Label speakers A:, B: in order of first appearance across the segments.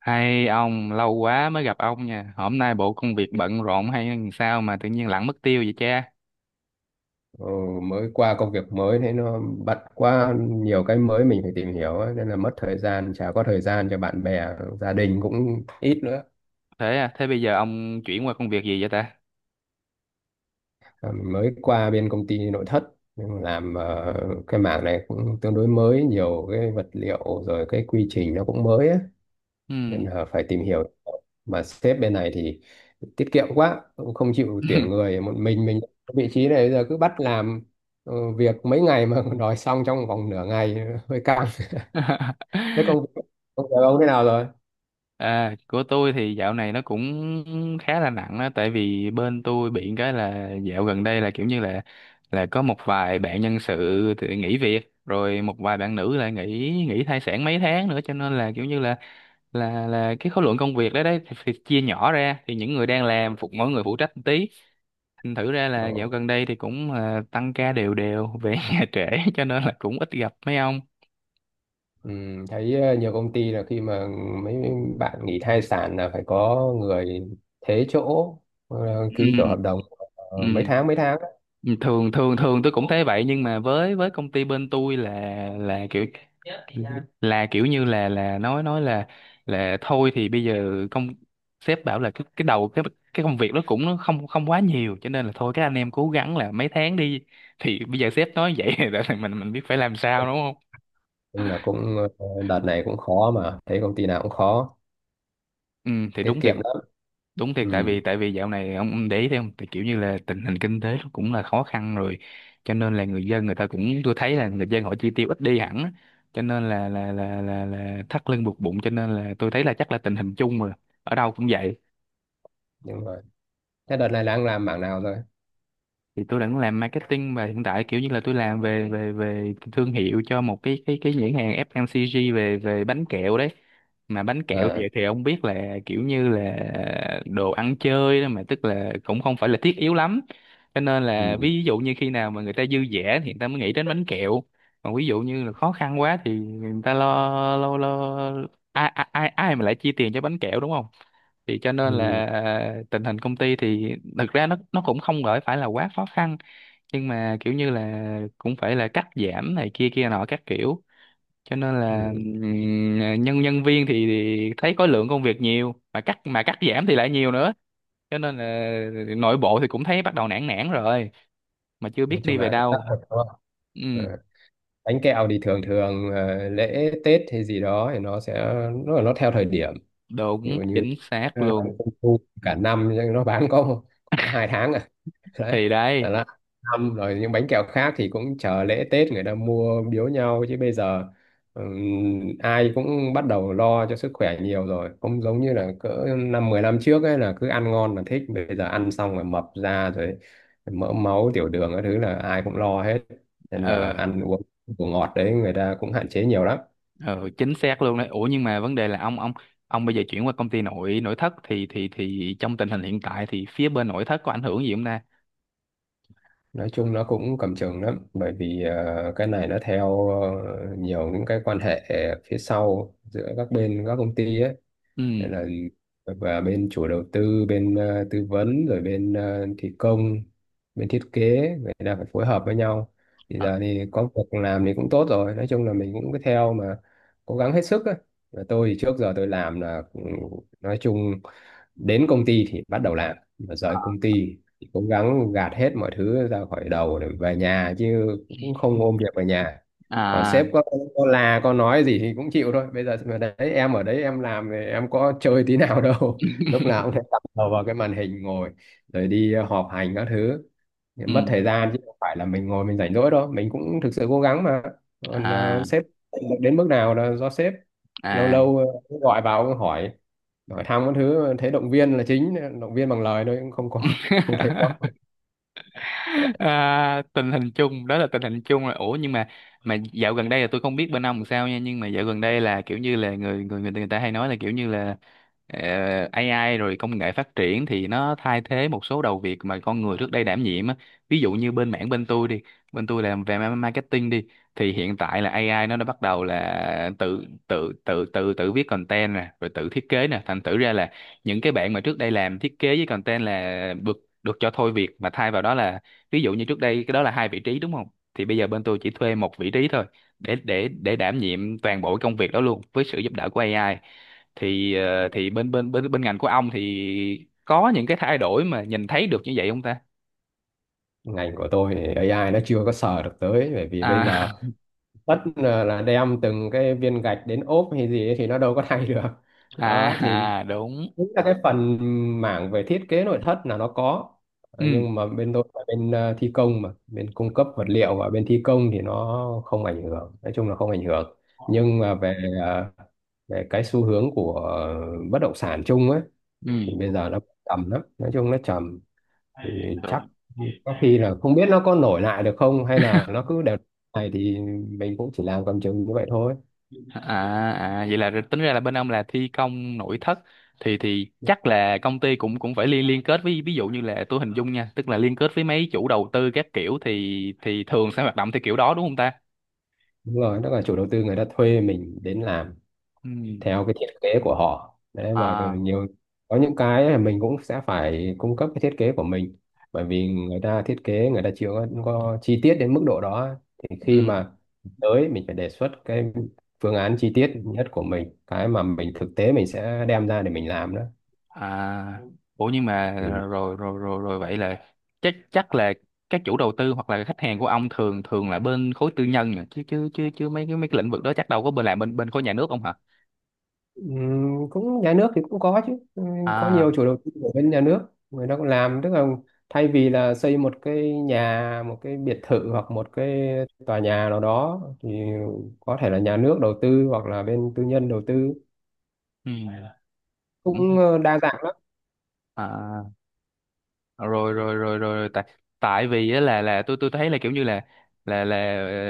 A: Hay ông, lâu quá mới gặp ông nha. Hôm nay bộ công việc bận rộn hay làm sao mà tự nhiên lẳng mất tiêu vậy cha?
B: Ờ, mới qua công việc mới thế nó bận quá nhiều cái mới mình phải tìm hiểu ấy, nên là mất thời gian, chả có thời gian cho bạn bè, gia đình cũng ít nữa.
A: Thế à, thế bây giờ ông chuyển qua công việc gì vậy ta?
B: Ờ, mình mới qua bên công ty nội thất, nhưng mà làm cái mảng này cũng tương đối mới, nhiều cái vật liệu rồi cái quy trình nó cũng mới ấy, nên
A: Ừm.
B: là phải tìm hiểu. Mà sếp bên này thì tiết kiệm quá, cũng không chịu tuyển người, một mình ở vị trí này, bây giờ cứ bắt làm việc mấy ngày mà đòi xong trong vòng nửa ngày, hơi căng. Thế công công việc ông thế nào rồi?
A: À, của tôi thì dạo này nó cũng khá là nặng đó, tại vì bên tôi bị cái là dạo gần đây là kiểu như là có một vài bạn nhân sự thì nghỉ việc, rồi một vài bạn nữ lại nghỉ nghỉ thai sản mấy tháng nữa, cho nên là kiểu như là cái khối lượng công việc đấy đấy thì chia nhỏ ra, thì những người đang làm phục mỗi người phụ trách một tí, thành Thử ra là
B: Ồ,
A: dạo gần đây thì cũng tăng ca đều đều về nhà trễ, cho nên là cũng ít gặp mấy ông.
B: ừ, thấy nhiều công ty là khi mà mấy bạn nghỉ thai sản là phải có người thế chỗ, ký kiểu
A: Ừ,
B: hợp đồng mấy
A: ừ.
B: tháng, mấy tháng.
A: Thường thường thường tôi cũng thấy vậy, nhưng mà với công ty bên tôi là là kiểu kiểu như là nói là thôi thì bây giờ sếp bảo là cái đầu cái công việc nó cũng nó không không quá nhiều, cho nên là thôi các anh em cố gắng là mấy tháng đi. Thì bây giờ sếp nói vậy là mình biết phải làm sao đúng không?
B: Nhưng là cũng đợt này cũng khó, mà thấy công ty nào cũng khó,
A: Ừ thì
B: tiết
A: đúng thiệt,
B: kiệm lắm.
A: đúng thiệt,
B: Ừ,
A: tại vì dạo này ông để ý thấy không, tại kiểu như là tình hình kinh tế nó cũng là khó khăn rồi, cho nên là người ta cũng, tôi thấy là người dân họ chi tiêu ít đi hẳn á. Cho nên là thắt lưng buộc bụng, cho nên là tôi thấy là chắc là tình hình chung mà, ở đâu cũng vậy.
B: đúng rồi. Thế đợt này đang làm mảng nào rồi?
A: Thì tôi đang làm marketing và hiện tại kiểu như là tôi làm về về về thương hiệu cho một cái nhãn hàng FMCG về về bánh kẹo đấy. Mà bánh kẹo thì
B: À,
A: ông biết là kiểu như là đồ ăn chơi đó mà, tức là cũng không phải là thiết yếu lắm, cho nên là
B: ừ,
A: ví dụ như khi nào mà người ta dư dả thì người ta mới nghĩ đến bánh kẹo, còn ví dụ như là khó khăn quá thì người ta lo lo lo ai ai ai mà lại chi tiền cho bánh kẹo đúng không. Thì cho nên
B: ừ,
A: là tình hình công ty thì thực ra nó cũng không gọi phải là quá khó khăn, nhưng mà kiểu như là cũng phải là cắt giảm này kia kia nọ các kiểu, cho nên là
B: ừ.
A: nhân nhân viên thì thấy có lượng công việc nhiều mà cắt giảm thì lại nhiều nữa, cho nên là nội bộ thì cũng thấy bắt đầu nản nản rồi, mà chưa
B: Nói
A: biết đi
B: chung
A: về
B: là cũng tắt
A: đâu.
B: thật, đúng không?
A: Ừ.
B: Ờ, bánh kẹo thì thường thường lễ Tết hay gì đó thì nó sẽ, nó theo thời điểm. Ví dụ
A: Đúng,
B: như
A: chính xác
B: bán
A: luôn.
B: trung thu cả năm nhưng nó bán có hai tháng à. Đấy,
A: Thì
B: là
A: đấy.
B: nó năm rồi những bánh kẹo khác thì cũng chờ lễ Tết người ta mua biếu nhau, chứ bây giờ ai cũng bắt đầu lo cho sức khỏe nhiều rồi, không giống như là cỡ năm 10 năm trước ấy, là cứ ăn ngon là thích, bây giờ ăn xong rồi mập ra rồi, mỡ máu tiểu đường cái thứ là ai cũng lo hết. Nên là
A: Ừ.
B: ăn uống đồ ngọt đấy người ta cũng hạn chế nhiều lắm.
A: Ừ, chính xác luôn đấy. Ủa nhưng mà vấn đề là ông bây giờ chuyển qua công ty nội nội thất thì thì trong tình hình hiện tại thì phía bên nội thất có ảnh hưởng gì không ta?
B: Nói chung nó cũng cầm chừng lắm, bởi vì cái này nó theo nhiều những cái quan hệ phía sau giữa các bên, các công ty ấy.
A: Ừ.
B: Nên là và bên chủ đầu tư, bên tư vấn, rồi bên thi công, bên thiết kế, người ta phải phối hợp với nhau. Thì
A: À.
B: giờ thì có việc làm thì cũng tốt rồi, nói chung là mình cũng cứ theo mà cố gắng hết sức ấy. Và tôi thì trước giờ tôi làm là ừ, nói chung đến công ty thì bắt đầu làm, và rời công ty thì cố gắng gạt hết mọi thứ ra khỏi đầu để về nhà, chứ cũng không ôm việc về nhà. Còn
A: À.
B: sếp có là có nói gì thì cũng chịu thôi, bây giờ mà đấy em ở đấy em làm thì em có chơi tí nào đâu, lúc nào cũng thấy tập đầu vào cái màn hình ngồi, rồi đi họp hành các thứ, mất
A: Ừ.
B: thời gian, chứ không phải là mình ngồi mình rảnh rỗi đâu, mình cũng thực sự cố gắng mà. Còn
A: À.
B: sếp đến mức nào là do sếp. Lâu
A: À.
B: lâu gọi vào hỏi, hỏi thăm các thứ, thấy động viên là chính, động viên bằng lời thôi, cũng không có không thấy có.
A: À, tình hình chung đó, là tình hình chung. Là ủa nhưng mà dạo gần đây là tôi không biết bên ông làm sao nha, nhưng mà dạo gần đây là kiểu như là người ta hay nói là kiểu như là ờ, AI rồi công nghệ phát triển thì nó thay thế một số đầu việc mà con người trước đây đảm nhiệm á, ví dụ như bên mảng bên tôi đi, bên tôi làm về marketing đi, thì hiện tại là AI nó đã bắt đầu là tự tự tự tự tự viết content nè, rồi tự thiết kế nè, thành thử ra là những cái bạn mà trước đây làm thiết kế với content là được được cho thôi việc, mà thay vào đó là, ví dụ như trước đây cái đó là hai vị trí đúng không, thì bây giờ bên tôi chỉ thuê một vị trí thôi, để đảm nhiệm toàn bộ công việc đó luôn với sự giúp đỡ của AI. Thì bên bên bên bên ngành của ông thì có những cái thay đổi mà nhìn thấy được như vậy không ta?
B: Ngành của tôi thì AI nó chưa có sờ được tới, bởi vì bây giờ
A: À.
B: tất là đem từng cái viên gạch đến ốp hay gì ấy thì nó đâu có thay được. Đó thì
A: À, à đúng.
B: chính là cái phần mảng về thiết kế nội thất là nó có. Ờ,
A: Ừ.
B: nhưng mà bên tôi là bên thi công, mà bên cung cấp vật liệu và bên thi công thì nó không ảnh hưởng, nói chung là không ảnh hưởng. Nhưng mà về ờ, về cái xu hướng của bất động sản chung ấy, thì bây
A: Ừ.
B: giờ nó trầm lắm, nói chung nó trầm. Thì chắc có khi là không biết nó có nổi lại được không, hay là nó cứ đều này thì mình cũng chỉ làm cầm chừng như vậy thôi.
A: À, à vậy là tính ra là bên ông là thi công nội thất, thì chắc là công ty cũng cũng phải liên liên kết với, ví dụ như là tôi hình dung nha, tức là liên kết với mấy chủ đầu tư các kiểu, thì thường sẽ hoạt động theo kiểu đó đúng không ta?
B: Đúng rồi, tức là chủ đầu tư người ta thuê mình đến làm
A: Ừ.
B: theo cái thiết kế của họ đấy mà.
A: À,
B: Nhiều có những cái là mình cũng sẽ phải cung cấp cái thiết kế của mình, bởi vì người ta thiết kế người ta chưa có, có chi tiết đến mức độ đó, thì khi
A: ừ.
B: mà tới mình phải đề xuất cái phương án chi tiết nhất của mình, cái mà mình thực tế mình sẽ đem ra để mình làm đó.
A: À. Ủa nhưng mà
B: Ừ.
A: rồi rồi rồi rồi vậy là chắc chắc là các chủ đầu tư hoặc là khách hàng của ông thường thường là bên khối tư nhân nhỉ? Chứ chứ chứ chứ mấy cái lĩnh vực đó chắc đâu có bên bên khối nhà nước không hả?
B: Cũng nhà nước thì cũng có chứ. Có
A: À,
B: nhiều chủ đầu tư của bên nhà nước người ta cũng làm, tức là thay vì là xây một cái nhà, một cái biệt thự, hoặc một cái tòa nhà nào đó, thì có thể là nhà nước đầu tư hoặc là bên tư nhân đầu tư,
A: ừ. Cũng.
B: cũng đa dạng lắm.
A: À. Ờ, rồi rồi rồi rồi rồi. Tại tại vì á là tôi thấy là kiểu như là là là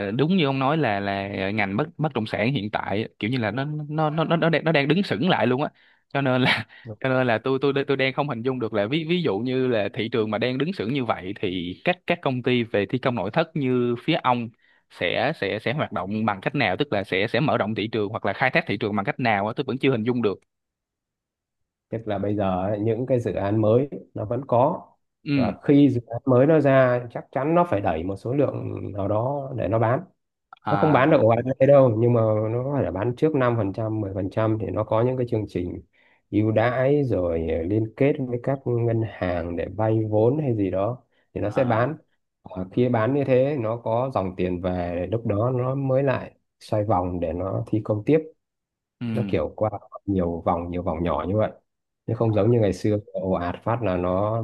A: đúng như ông nói là ngành bất bất động sản hiện tại á, kiểu như là nó đang đứng sững lại luôn á, cho nên là cho nên là tôi đang không hình dung được là ví ví dụ như là thị trường mà đang đứng sững như vậy thì các công ty về thi công nội thất như phía ông sẽ hoạt động bằng cách nào, tức là sẽ mở rộng thị trường hoặc là khai thác thị trường bằng cách nào á, tôi vẫn chưa hình dung được.
B: Tức là bây giờ ấy, những cái dự án mới nó vẫn có,
A: Ừ.
B: và khi dự án mới nó ra chắc chắn nó phải đẩy một số lượng nào đó để nó bán. Nó không
A: À.
B: bán được ổ ạt như thế đâu, nhưng mà nó có thể là bán trước năm phần trăm, mười phần trăm, thì nó có những cái chương trình ưu đãi, rồi liên kết với các ngân hàng để vay vốn hay gì đó, thì nó sẽ
A: À.
B: bán. Ờ, khi bán như thế nó có dòng tiền về, lúc đó nó mới lại xoay vòng để nó thi công tiếp. Nó
A: Ừ.
B: kiểu qua nhiều vòng, nhiều vòng nhỏ như vậy, chứ không
A: À.
B: giống như ngày xưa ồ ạt phát là nó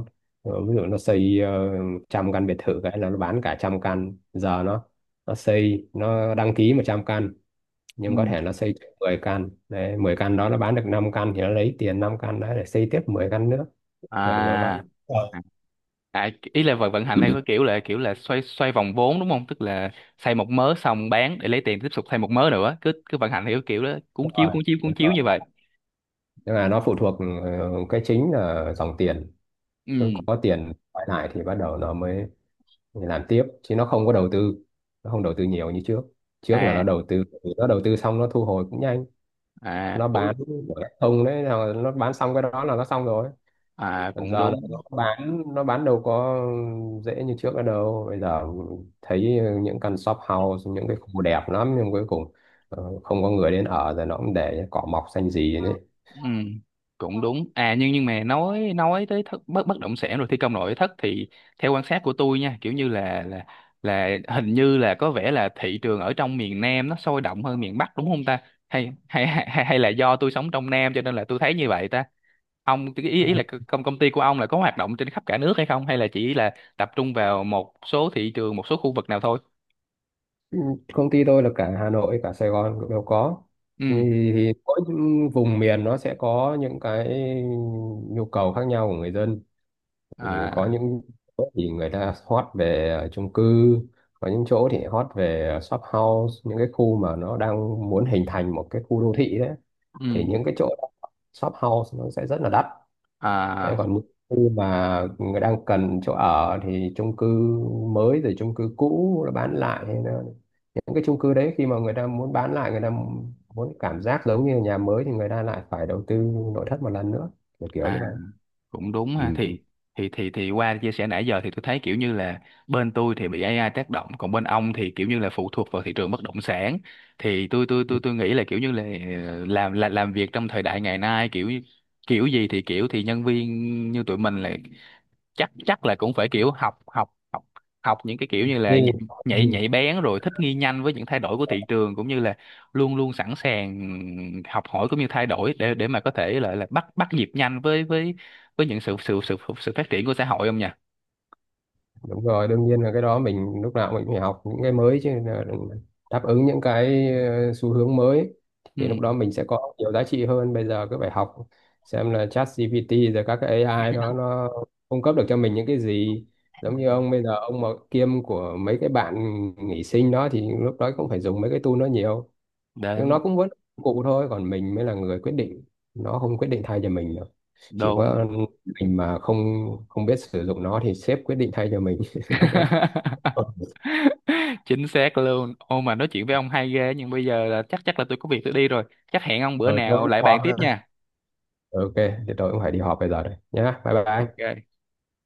B: ví dụ nó xây trăm căn biệt thự cái là nó bán cả trăm căn. Giờ nó xây nó đăng ký 100 căn, nhưng có
A: Ừ.
B: thể nó xây 10 căn đấy, 10 căn đó nó bán được 5 căn thì nó lấy tiền 5 căn đó để xây tiếp 10 căn nữa, kiểu kiểu vậy.
A: À.
B: Ờ,
A: À, à, ý là vận vận hành theo cái kiểu là xoay xoay vòng vốn đúng không? Tức là xây một mớ xong bán để lấy tiền tiếp tục xây một mớ nữa, cứ cứ vận hành theo cái kiểu đó,
B: Đúng rồi,
A: cuốn
B: đúng
A: chiếu như
B: rồi.
A: vậy.
B: Tức là nó phụ thuộc cái chính là dòng tiền. Cứ
A: Ừ.
B: có tiền quay lại thì bắt đầu nó mới, mình làm tiếp, chứ nó không có đầu tư, nó không đầu tư nhiều như trước. Trước là nó
A: À.
B: đầu tư, nó đầu tư xong nó thu hồi cũng nhanh,
A: À
B: nó
A: ủa,
B: bán của không đấy là nó bán xong cái đó là nó xong rồi.
A: à
B: Còn
A: cũng
B: giờ là
A: đúng.
B: nó bán, nó bán đâu có dễ như trước nữa đâu, bây giờ thấy những căn shop house những cái khu đẹp lắm nhưng cuối cùng không có người đến ở, rồi nó cũng để cỏ mọc xanh gì đấy.
A: Ừ, cũng đúng. À, nhưng mà nói tới bất bất động sản rồi thi công nội thất thì theo quan sát của tôi nha, kiểu như là hình như là có vẻ là thị trường ở trong miền Nam nó sôi động hơn miền Bắc đúng không ta? Hay là do tôi sống trong Nam cho nên là tôi thấy như vậy ta? Ông ý ý là công công ty của ông là có hoạt động trên khắp cả nước hay không, hay là chỉ là tập trung vào một số thị trường, một số khu vực nào thôi?
B: Ừ, công ty tôi là cả Hà Nội cả Sài Gòn cũng đều có.
A: Ừ.
B: thì, thì mỗi vùng miền nó sẽ có những cái nhu cầu khác nhau của người dân. Ừ, có
A: À,
B: những chỗ thì người ta hot về chung cư, có những chỗ thì hot về shop house, những cái khu mà nó đang muốn hình thành một cái khu đô thị đấy, thì
A: ừ.
B: những cái chỗ shop house nó sẽ rất là đắt. Đấy,
A: À.
B: còn những khu mà người đang cần chỗ ở thì chung cư mới rồi chung cư cũ nó bán lại, hay là những cái chung cư đấy khi mà người ta muốn bán lại, người ta muốn cảm giác giống như nhà mới, thì người ta lại phải đầu tư nội thất một lần nữa, kiểu kiểu như
A: À
B: vậy.
A: cũng đúng
B: Ừ.
A: ha. Thì qua chia sẻ nãy giờ thì tôi thấy kiểu như là bên tôi thì bị AI tác động, còn bên ông thì kiểu như là phụ thuộc vào thị trường bất động sản, thì tôi nghĩ là kiểu như là làm làm việc trong thời đại ngày nay kiểu như- kiểu gì thì kiểu, thì nhân viên như tụi mình là chắc chắc là cũng phải kiểu học học học học những cái kiểu như là nhạy
B: Nên-
A: nhạy nhạy bén, rồi thích nghi nhanh với những thay đổi của thị trường, cũng như là luôn luôn sẵn sàng học hỏi cũng như thay đổi để mà có thể là bắt bắt nhịp nhanh với với những sự sự sự sự phát triển của xã hội không nhỉ?
B: đúng rồi, đương nhiên là cái đó mình lúc nào mình cũng phải học những cái mới chứ, là đừng, đáp ứng những cái xu hướng mới,
A: Ừ.
B: thì lúc đó mình sẽ có nhiều giá trị hơn. Bây giờ cứ phải học xem là ChatGPT rồi các cái AI đó nó cung cấp được cho mình những cái gì. Giống như ông bây giờ ông mà kiêm của mấy cái bạn nghỉ sinh đó thì lúc đó cũng phải dùng mấy cái tool nó nhiều. Nhưng
A: Đúng,
B: nó cũng vẫn cụ thôi, còn mình mới là người quyết định, nó không quyết định thay cho mình được. Chỉ
A: đúng.
B: có mình mà không không biết sử dụng nó thì sếp quyết định thay cho mình. Đúng rồi. Ừ,
A: Chính xác luôn. Ô, mà nói chuyện với ông hay ghê, nhưng bây giờ là chắc chắc là tôi có việc tôi đi rồi. Chắc hẹn ông bữa
B: ừ, tôi
A: nào
B: cũng
A: lại bàn
B: khó
A: tiếp
B: ha.
A: nha.
B: Ok, thì tôi cũng phải đi họp bây giờ đây nhá, bye bye.
A: Ok.